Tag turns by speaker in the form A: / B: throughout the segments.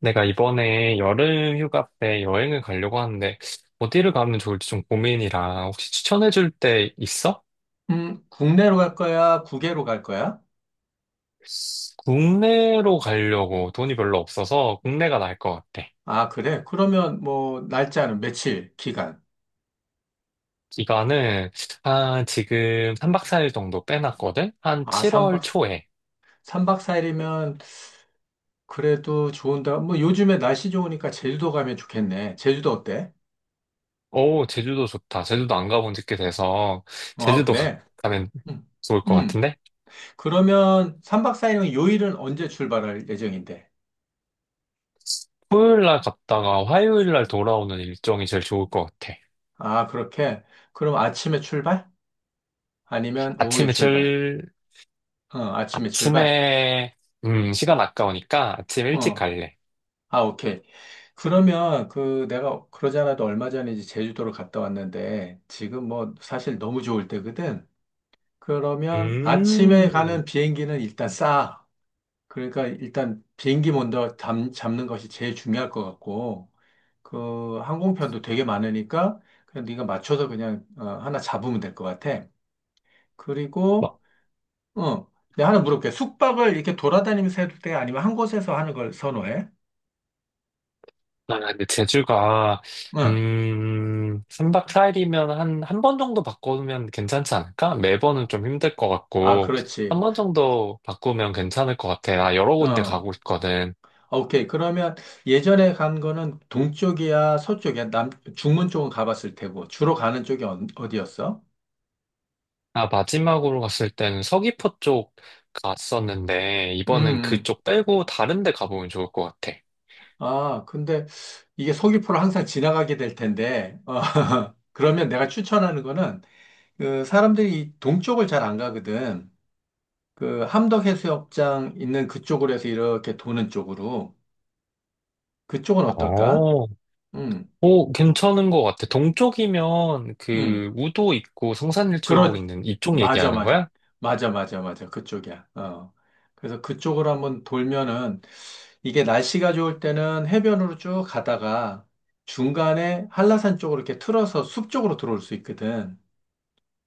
A: 내가 이번에 여름 휴가 때 여행을 가려고 하는데 어디를 가면 좋을지 좀 고민이라 혹시 추천해 줄 데 있어?
B: 국내로 갈 거야? 국외로 갈 거야?
A: 국내로 가려고 돈이 별로 없어서 국내가 나을 것 같아.
B: 아, 그래? 그러면 뭐, 날짜는 며칠, 기간?
A: 기간은 한 지금 3박 4일 정도 빼놨거든? 한
B: 아,
A: 7월
B: 3박,
A: 초에.
B: 3박 4일이면 그래도 좋은데, 뭐, 요즘에 날씨 좋으니까 제주도 가면 좋겠네. 제주도 어때?
A: 오, 제주도 좋다. 제주도 안 가본 지 꽤 돼서
B: 어,
A: 제주도 가,
B: 그래?
A: 가면
B: 음,
A: 좋을 것
B: 음.
A: 같은데?
B: 그러면 3박 4일은 요일은 언제 출발할 예정인데?
A: 토요일 날 갔다가 화요일 날 돌아오는 일정이 제일 좋을 것 같아.
B: 아, 그렇게? 그럼 아침에 출발? 아니면 오후에
A: 아침에
B: 출발?
A: 절
B: 아침에 출발?
A: 아침에, 시간 아까우니까 아침 일찍
B: 어,
A: 갈래.
B: 오케이. 그러면 그 내가 그러지 않아도 얼마 전에 이제 제주도를 갔다 왔는데 지금 뭐 사실 너무 좋을 때거든. 그러면 아침에
A: 음,
B: 가는 비행기는 일단 싸. 그러니까 일단 비행기 먼저 잡는 것이 제일 중요할 것 같고 그 항공편도 되게 많으니까 그냥 네가 맞춰서 그냥 하나 잡으면 될 것 같아. 그리고
A: 뭐,
B: 어, 내가 하나 물어볼게. 숙박을 이렇게 돌아다니면서 해도 돼? 아니면 한 곳에서 하는 걸 선호해?
A: 아,
B: 응.
A: 3박 4일이면 한 번 정도 바꾸면 괜찮지 않을까? 매번은 좀 힘들 것
B: 아,
A: 같고, 한
B: 그렇지.
A: 번 정도 바꾸면 괜찮을 것 같아. 나 여러 군데
B: 어.
A: 가고 있거든.
B: 오케이. 그러면 예전에 간 거는 동쪽이야, 서쪽이야, 남, 중문 쪽은 가봤을 테고, 주로 가는 쪽이 어디였어?
A: 나 마지막으로 갔을 때는 서귀포 쪽 갔었는데,
B: 음,
A: 이번엔
B: 음.
A: 그쪽 빼고 다른 데 가보면 좋을 것 같아.
B: 아, 근데 이게 서귀포를 항상 지나가게 될 텐데, 그러면 내가 추천하는 거는, 그, 사람들이 이 동쪽을 잘 안 가거든. 그, 함덕해수욕장 있는 그쪽으로 해서 이렇게 도는 쪽으로. 그쪽은 어떨까?
A: 어,
B: 음,
A: 오, 괜찮은 것 같아. 동쪽이면
B: 음.
A: 그 우도 있고
B: 그렇,
A: 성산일출봉 있는 이쪽
B: 맞아,
A: 얘기하는
B: 맞아.
A: 거야?
B: 맞아, 맞아, 맞아. 그쪽이야. 어. 그래서 그쪽으로 한번 돌면은 이게 날씨가 좋을 때는 해변으로 쭉 가다가 중간에 한라산 쪽으로 이렇게 틀어서 숲 쪽으로 들어올 수 있거든.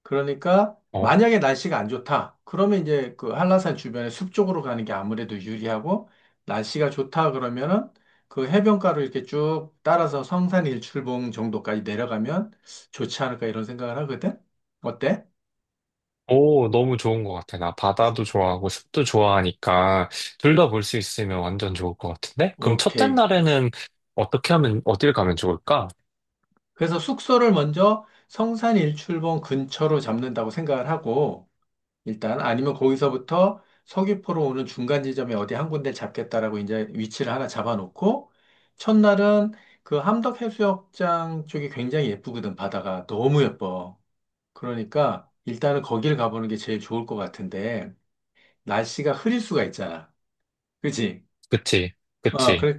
B: 그러니까
A: 어.
B: 만약에 날씨가 안 좋다. 그러면 이제 그 한라산 주변에 숲 쪽으로 가는 게 아무래도 유리하고 날씨가 좋다 그러면은 그 해변가로 이렇게 쭉 따라서 성산 일출봉 정도까지 내려가면 좋지 않을까 이런 생각을 하거든. 어때?
A: 오, 너무 좋은 것 같아. 나 바다도 좋아하고 숲도 좋아하니까 둘 다 볼 수 있으면 완전 좋을 것 같은데? 그럼 첫째
B: 오케이.
A: 날에는 어떻게 하면, 어딜 가면 좋을까?
B: 그래서 숙소를 먼저 성산 일출봉 근처로 잡는다고 생각을 하고, 일단 아니면 거기서부터 서귀포로 오는 중간 지점에 어디 한 군데 잡겠다라고 이제 위치를 하나 잡아놓고, 첫날은 그 함덕해수욕장 쪽이 굉장히 예쁘거든, 바다가. 너무 예뻐. 그러니까 일단은 거기를 가보는 게 제일 좋을 것 같은데, 날씨가 흐릴 수가 있잖아. 그치?
A: 그치,
B: 어,
A: 그치.
B: 그래,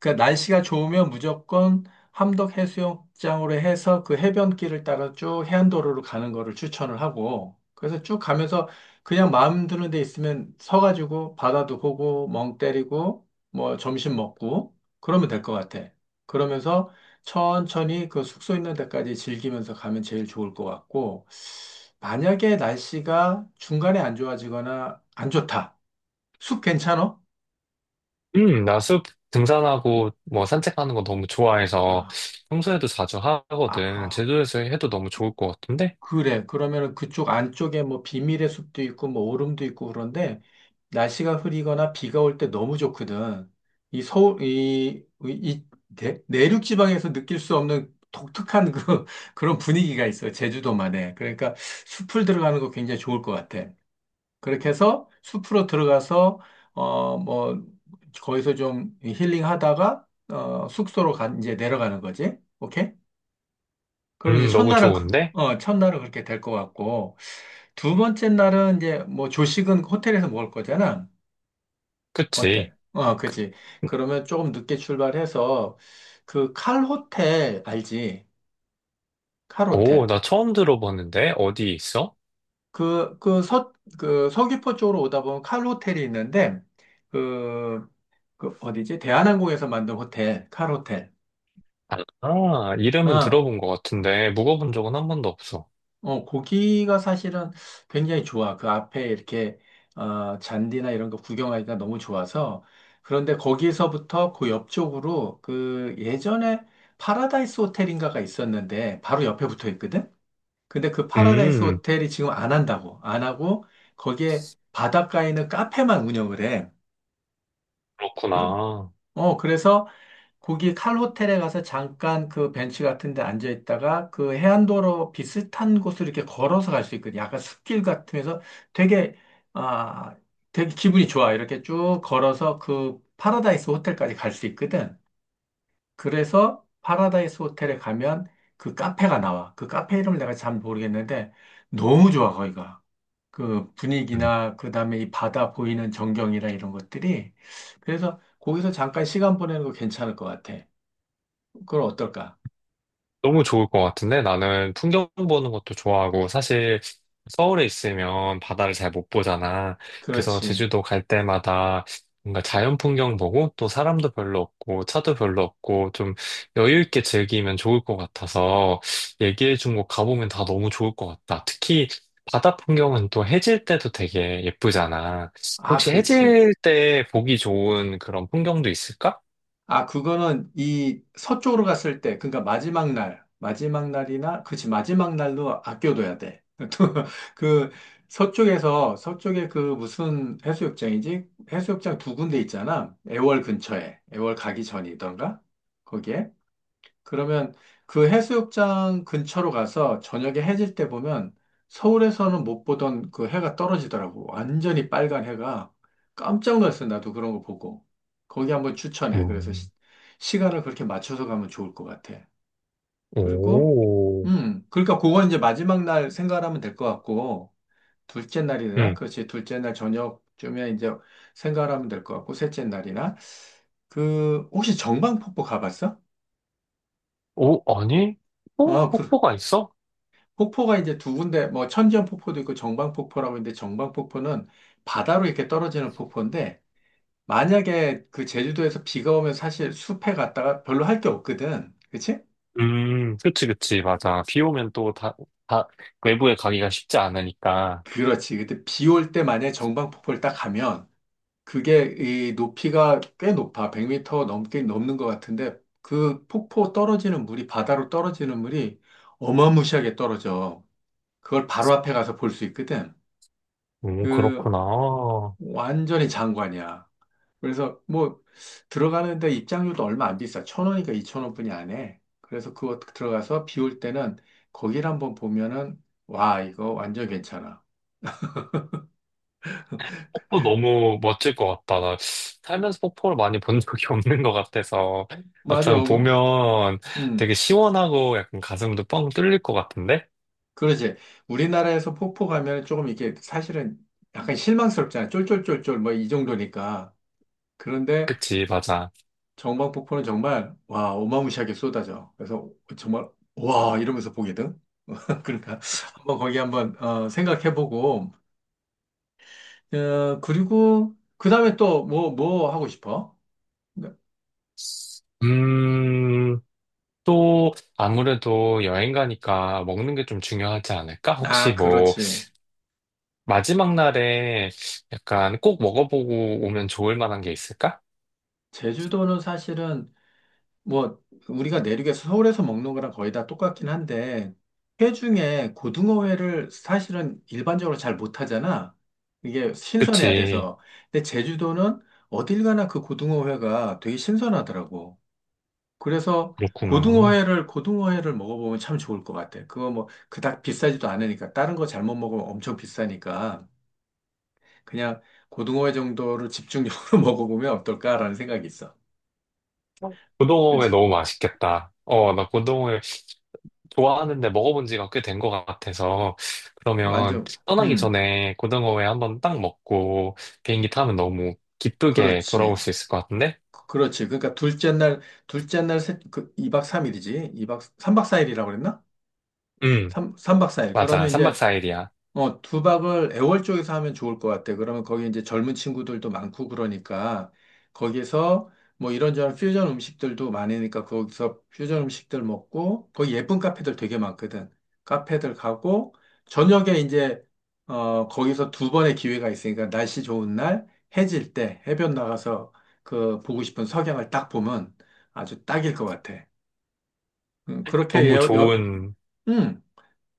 B: 그러니까 날씨가 좋으면 무조건 함덕 해수욕장으로 해서 그 해변길을 따라 쭉 해안도로로 가는 거를 추천을 하고, 그래서 쭉 가면서 그냥 마음 드는 데 있으면 서가지고 바다도 보고, 멍 때리고, 뭐 점심 먹고, 그러면 될 것 같아. 그러면서 천천히 그 숙소 있는 데까지 즐기면서 가면 제일 좋을 것 같고, 만약에 날씨가 중간에 안 좋아지거나 안 좋다. 숲 괜찮아?
A: 나 숲 등산하고 뭐 산책하는 거 너무 좋아해서
B: 아,
A: 평소에도 자주 하거든.
B: 아,
A: 제주도에서 해도 너무 좋을 것 같은데?
B: 그래. 그러면은 그쪽 안쪽에 뭐 비밀의 숲도 있고 뭐 오름도 있고 그런데 날씨가 흐리거나 비가 올 때 너무 좋거든. 이 서울, 내륙 지방에서 느낄 수 없는 독특한 그, 그런 분위기가 있어요. 제주도만에. 그러니까 숲을 들어가는 거 굉장히 좋을 것 같아. 그렇게 해서 숲으로 들어가서, 어, 뭐, 거기서 좀 힐링 하다가, 숙소로 가, 이제 내려가는 거지. 오케이? 그럼 이제
A: 너무
B: 첫날은
A: 좋은데?
B: 첫날은 그렇게 될 것 같고 두 번째 날은 이제 뭐 조식은 호텔에서 먹을 거잖아.
A: 그치.
B: 어때? 그지. 그러면 조금 늦게 출발해서 그 칼 호텔 알지? 칼
A: 오,
B: 호텔.
A: 나 처음 들어봤는데? 어디 있어?
B: 그, 그 서, 그 서귀포 쪽으로 오다 보면 칼 호텔이 있는데 그, 그 어디지? 대한항공에서 만든 호텔, 칼 호텔.
A: 아, 이름은
B: 어.
A: 들어본 것 같은데, 묵어본 적은 한 번도 없어.
B: 고기가 사실은 굉장히 좋아. 그 앞에 이렇게, 잔디나 이런 거 구경하기가 너무 좋아서. 그런데 거기서부터 그 옆쪽으로 그 예전에 파라다이스 호텔인가가 있었는데 바로 옆에 붙어 있거든? 근데 그 파라다이스
A: 음,
B: 호텔이 지금 안 한다고. 안 하고 거기에 바닷가에 있는 카페만 운영을 해. 그래.
A: 그렇구나.
B: 그래서 거기 칼 호텔에 가서 잠깐 그 벤치 같은 데 앉아 있다가 그 해안도로 비슷한 곳을 이렇게 걸어서 갈 수 있거든요. 약간 숲길 같으면서 되게, 아, 되게 기분이 좋아. 이렇게 쭉 걸어서 그 파라다이스 호텔까지 갈 수 있거든. 그래서 파라다이스 호텔에 가면 그 카페가 나와. 그 카페 이름을 내가 잘 모르겠는데 너무 좋아, 거기가. 그
A: 음.
B: 분위기나 그 다음에 이 바다 보이는 전경이나 이런 것들이. 그래서 거기서 잠깐 시간 보내는 거 괜찮을 것 같아. 그걸 어떨까?
A: 너무 좋을 것 같은데 나는 풍경 보는 것도 좋아하고 사실 서울에 있으면 바다를 잘 못 보잖아. 그래서
B: 그렇지.
A: 제주도 갈 때마다 뭔가 자연 풍경 보고 또 사람도 별로 없고 차도 별로 없고 좀 여유 있게 즐기면 좋을 것 같아서 얘기해 준 곳 가보면 다 너무 좋을 것 같다. 특히 바다 풍경은 또 해질 때도 되게 예쁘잖아.
B: 아,
A: 혹시
B: 그렇지.
A: 해질 때 보기 좋은 그런 풍경도 있을까?
B: 아, 그거는 이 서쪽으로 갔을 때, 그러니까 마지막 날, 마지막 날이나, 그렇지, 마지막 날로 아껴둬야 돼. 또 그 서쪽에 그 무슨 해수욕장이지? 해수욕장 두 군데 있잖아. 애월 근처에, 애월 가기 전이던가? 거기에. 그러면 그 해수욕장 근처로 가서 저녁에 해질 때 보면 서울에서는 못 보던 그 해가 떨어지더라고. 완전히 빨간 해가. 깜짝 놀랐어. 나도 그런 거 보고. 거기 한번 추천해. 그래서
A: 음.
B: 간을 그렇게 맞춰서 가면 좋을 것 같아. 그리고,
A: 오.
B: 그러니까 그건 이제 마지막 날 생각하면 될 것 같고, 둘째 날이나,
A: 음.
B: 그렇지. 둘째 날 저녁쯤에 이제 생각하면 될 것 같고, 셋째 날이나, 그, 혹시 정방폭포 가봤어?
A: 오, 아니? 어?
B: 아, 그,
A: 폭포가 있어?
B: 폭포가 이제 두 군데, 뭐 천지연 폭포도 있고 정방폭포라고 있는데 정방폭포는 바다로 이렇게 떨어지는 폭포인데 만약에 그 제주도에서 비가 오면 사실 숲에 갔다가 별로 할 게 없거든. 그치?
A: 맞아. 비 오면 다, 외부에 가기가 쉽지 않으니까.
B: 그렇지. 근데 비 올 때 만약에 정방폭포를 딱 가면 그게 이 높이가 꽤 높아. 100m 넘게 넘는 것 같은데 그 폭포 떨어지는 물이 바다로 떨어지는 물이 어마무시하게 떨어져. 그걸 바로 앞에 가서 볼 수 있거든. 그
A: 그렇구나.
B: 완전히 장관이야. 그래서 뭐 들어가는데 입장료도 얼마 안 비싸. 천 원이니까 이천 원뿐이 안 해. 그래서 그거 들어가서 비 올 때는 거기를 한번 보면은 와 이거 완전 괜찮아.
A: 폭포 너무 멋질 것 같다. 나 살면서 폭포를 많이 본 적이 없는 것 같아서.
B: 맞아.
A: 막상 보면
B: 음.
A: 되게 시원하고 약간 가슴도 뻥 뚫릴 것 같은데?
B: 그러지. 우리나라에서 폭포 가면 조금 이게 사실은 약간 실망스럽잖아. 쫄쫄쫄쫄 뭐 이 정도니까. 그런데
A: 그치, 맞아.
B: 정방폭포는 정말 와 어마무시하게 쏟아져. 그래서 정말 와 이러면서 보거든. 그러니까 한번 거기 한번 생각해보고 그리고 그 다음에 또 뭐, 뭐 하고 싶어? 네.
A: 음, 또 아무래도 여행 가니까 먹는 게 좀 중요하지 않을까? 혹시
B: 아,
A: 뭐,
B: 그렇지.
A: 마지막 날에 약간 꼭 먹어보고 오면 좋을 만한 게 있을까?
B: 제주도는 사실은 뭐 우리가 내륙에서 서울에서 먹는 거랑 거의 다 똑같긴 한데 회 중에 고등어회를 사실은 일반적으로 잘 못하잖아. 이게 신선해야
A: 그치.
B: 돼서. 근데 제주도는 어딜 가나 그 고등어회가 되게 신선하더라고. 그래서
A: 그렇구나.
B: 고등어회를 먹어보면 참 좋을 것 같아. 그거 뭐 그닥 비싸지도 않으니까 다른 거 잘못 먹으면 엄청 비싸니까. 그냥 고등어회 정도를 집중적으로 먹어보면 어떨까라는 생각이 있어.
A: 고등어회
B: 그렇지.
A: 너무 맛있겠다. 어, 나 고등어회 좋아하는데 먹어본 지가 꽤 된 것 같아서. 그러면
B: 완전,
A: 떠나기
B: 음,
A: 전에 고등어회 한번 딱 먹고 비행기 타면 너무 기쁘게 돌아올
B: 그렇지.
A: 수 있을 것 같은데?
B: 그렇지. 그러니까 둘째 날, 그 2박 3일이지. 이박 3박 4일이라고 그랬나?
A: 응,
B: 3, 삼박사일
A: 맞아.
B: 그러면
A: 3박
B: 이제
A: 4일이야.
B: 두박을 애월 쪽에서 하면 좋을 것 같아. 그러면 거기 이제 젊은 친구들도 많고 그러니까 거기서 뭐 이런저런 퓨전 음식들도 많으니까 거기서 퓨전 음식들 먹고 거기 예쁜 카페들 되게 많거든. 카페들 가고 저녁에 이제 거기서 두 번의 기회가 있으니까 날씨 좋은 날 해질 때 해변 나가서 그 보고 싶은 석양을 딱 보면 아주 딱일 것 같아. 그렇게
A: 너무 좋은,
B: 음,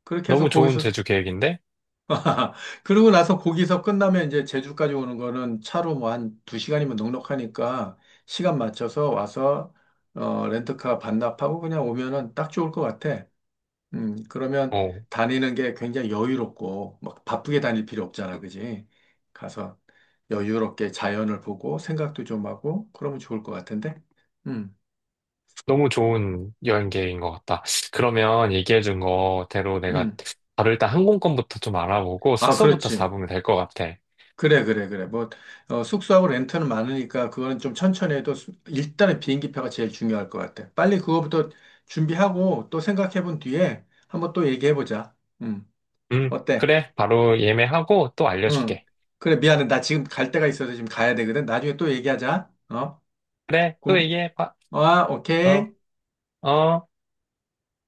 B: 그렇게 해서
A: 너무 좋은
B: 거기서
A: 제주 계획인데?
B: 그러고 나서 거기서 끝나면 이제 제주까지 오는 거는 차로 뭐 한 두 시간이면 넉넉하니까 시간 맞춰서 와서 렌트카 반납하고 그냥 오면은 딱 좋을 것 같아. 그러면
A: 어,
B: 다니는 게 굉장히 여유롭고 막 바쁘게 다닐 필요 없잖아, 그지? 가서 여유롭게 자연을 보고 생각도 좀 하고 그러면 좋을 것 같은데. 음,
A: 너무 좋은 여행 계획인 것 같다. 그러면 얘기해준 거대로 내가
B: 음.
A: 바로 일단 항공권부터 좀 알아보고
B: 아,
A: 숙소부터
B: 그렇지.
A: 잡으면 될 것 같아.
B: 그래, 그래, 그래. 뭐, 숙소하고 렌트는 많으니까 그거는 좀 천천히 해도 일단은 비행기표가 제일 중요할 것 같아. 빨리 그거부터 준비하고 또 생각해 본 뒤에 한번 또 얘기해 보자. 음, 어때?
A: 그래. 바로 예매하고 또
B: 응.
A: 알려줄게.
B: 그래, 미안해. 나 지금 갈 데가 있어서 지금 가야 되거든. 나중에 또 얘기하자. 어?
A: 그래. 또
B: 그
A: 얘기해봐. 어,
B: 오케이.
A: 어.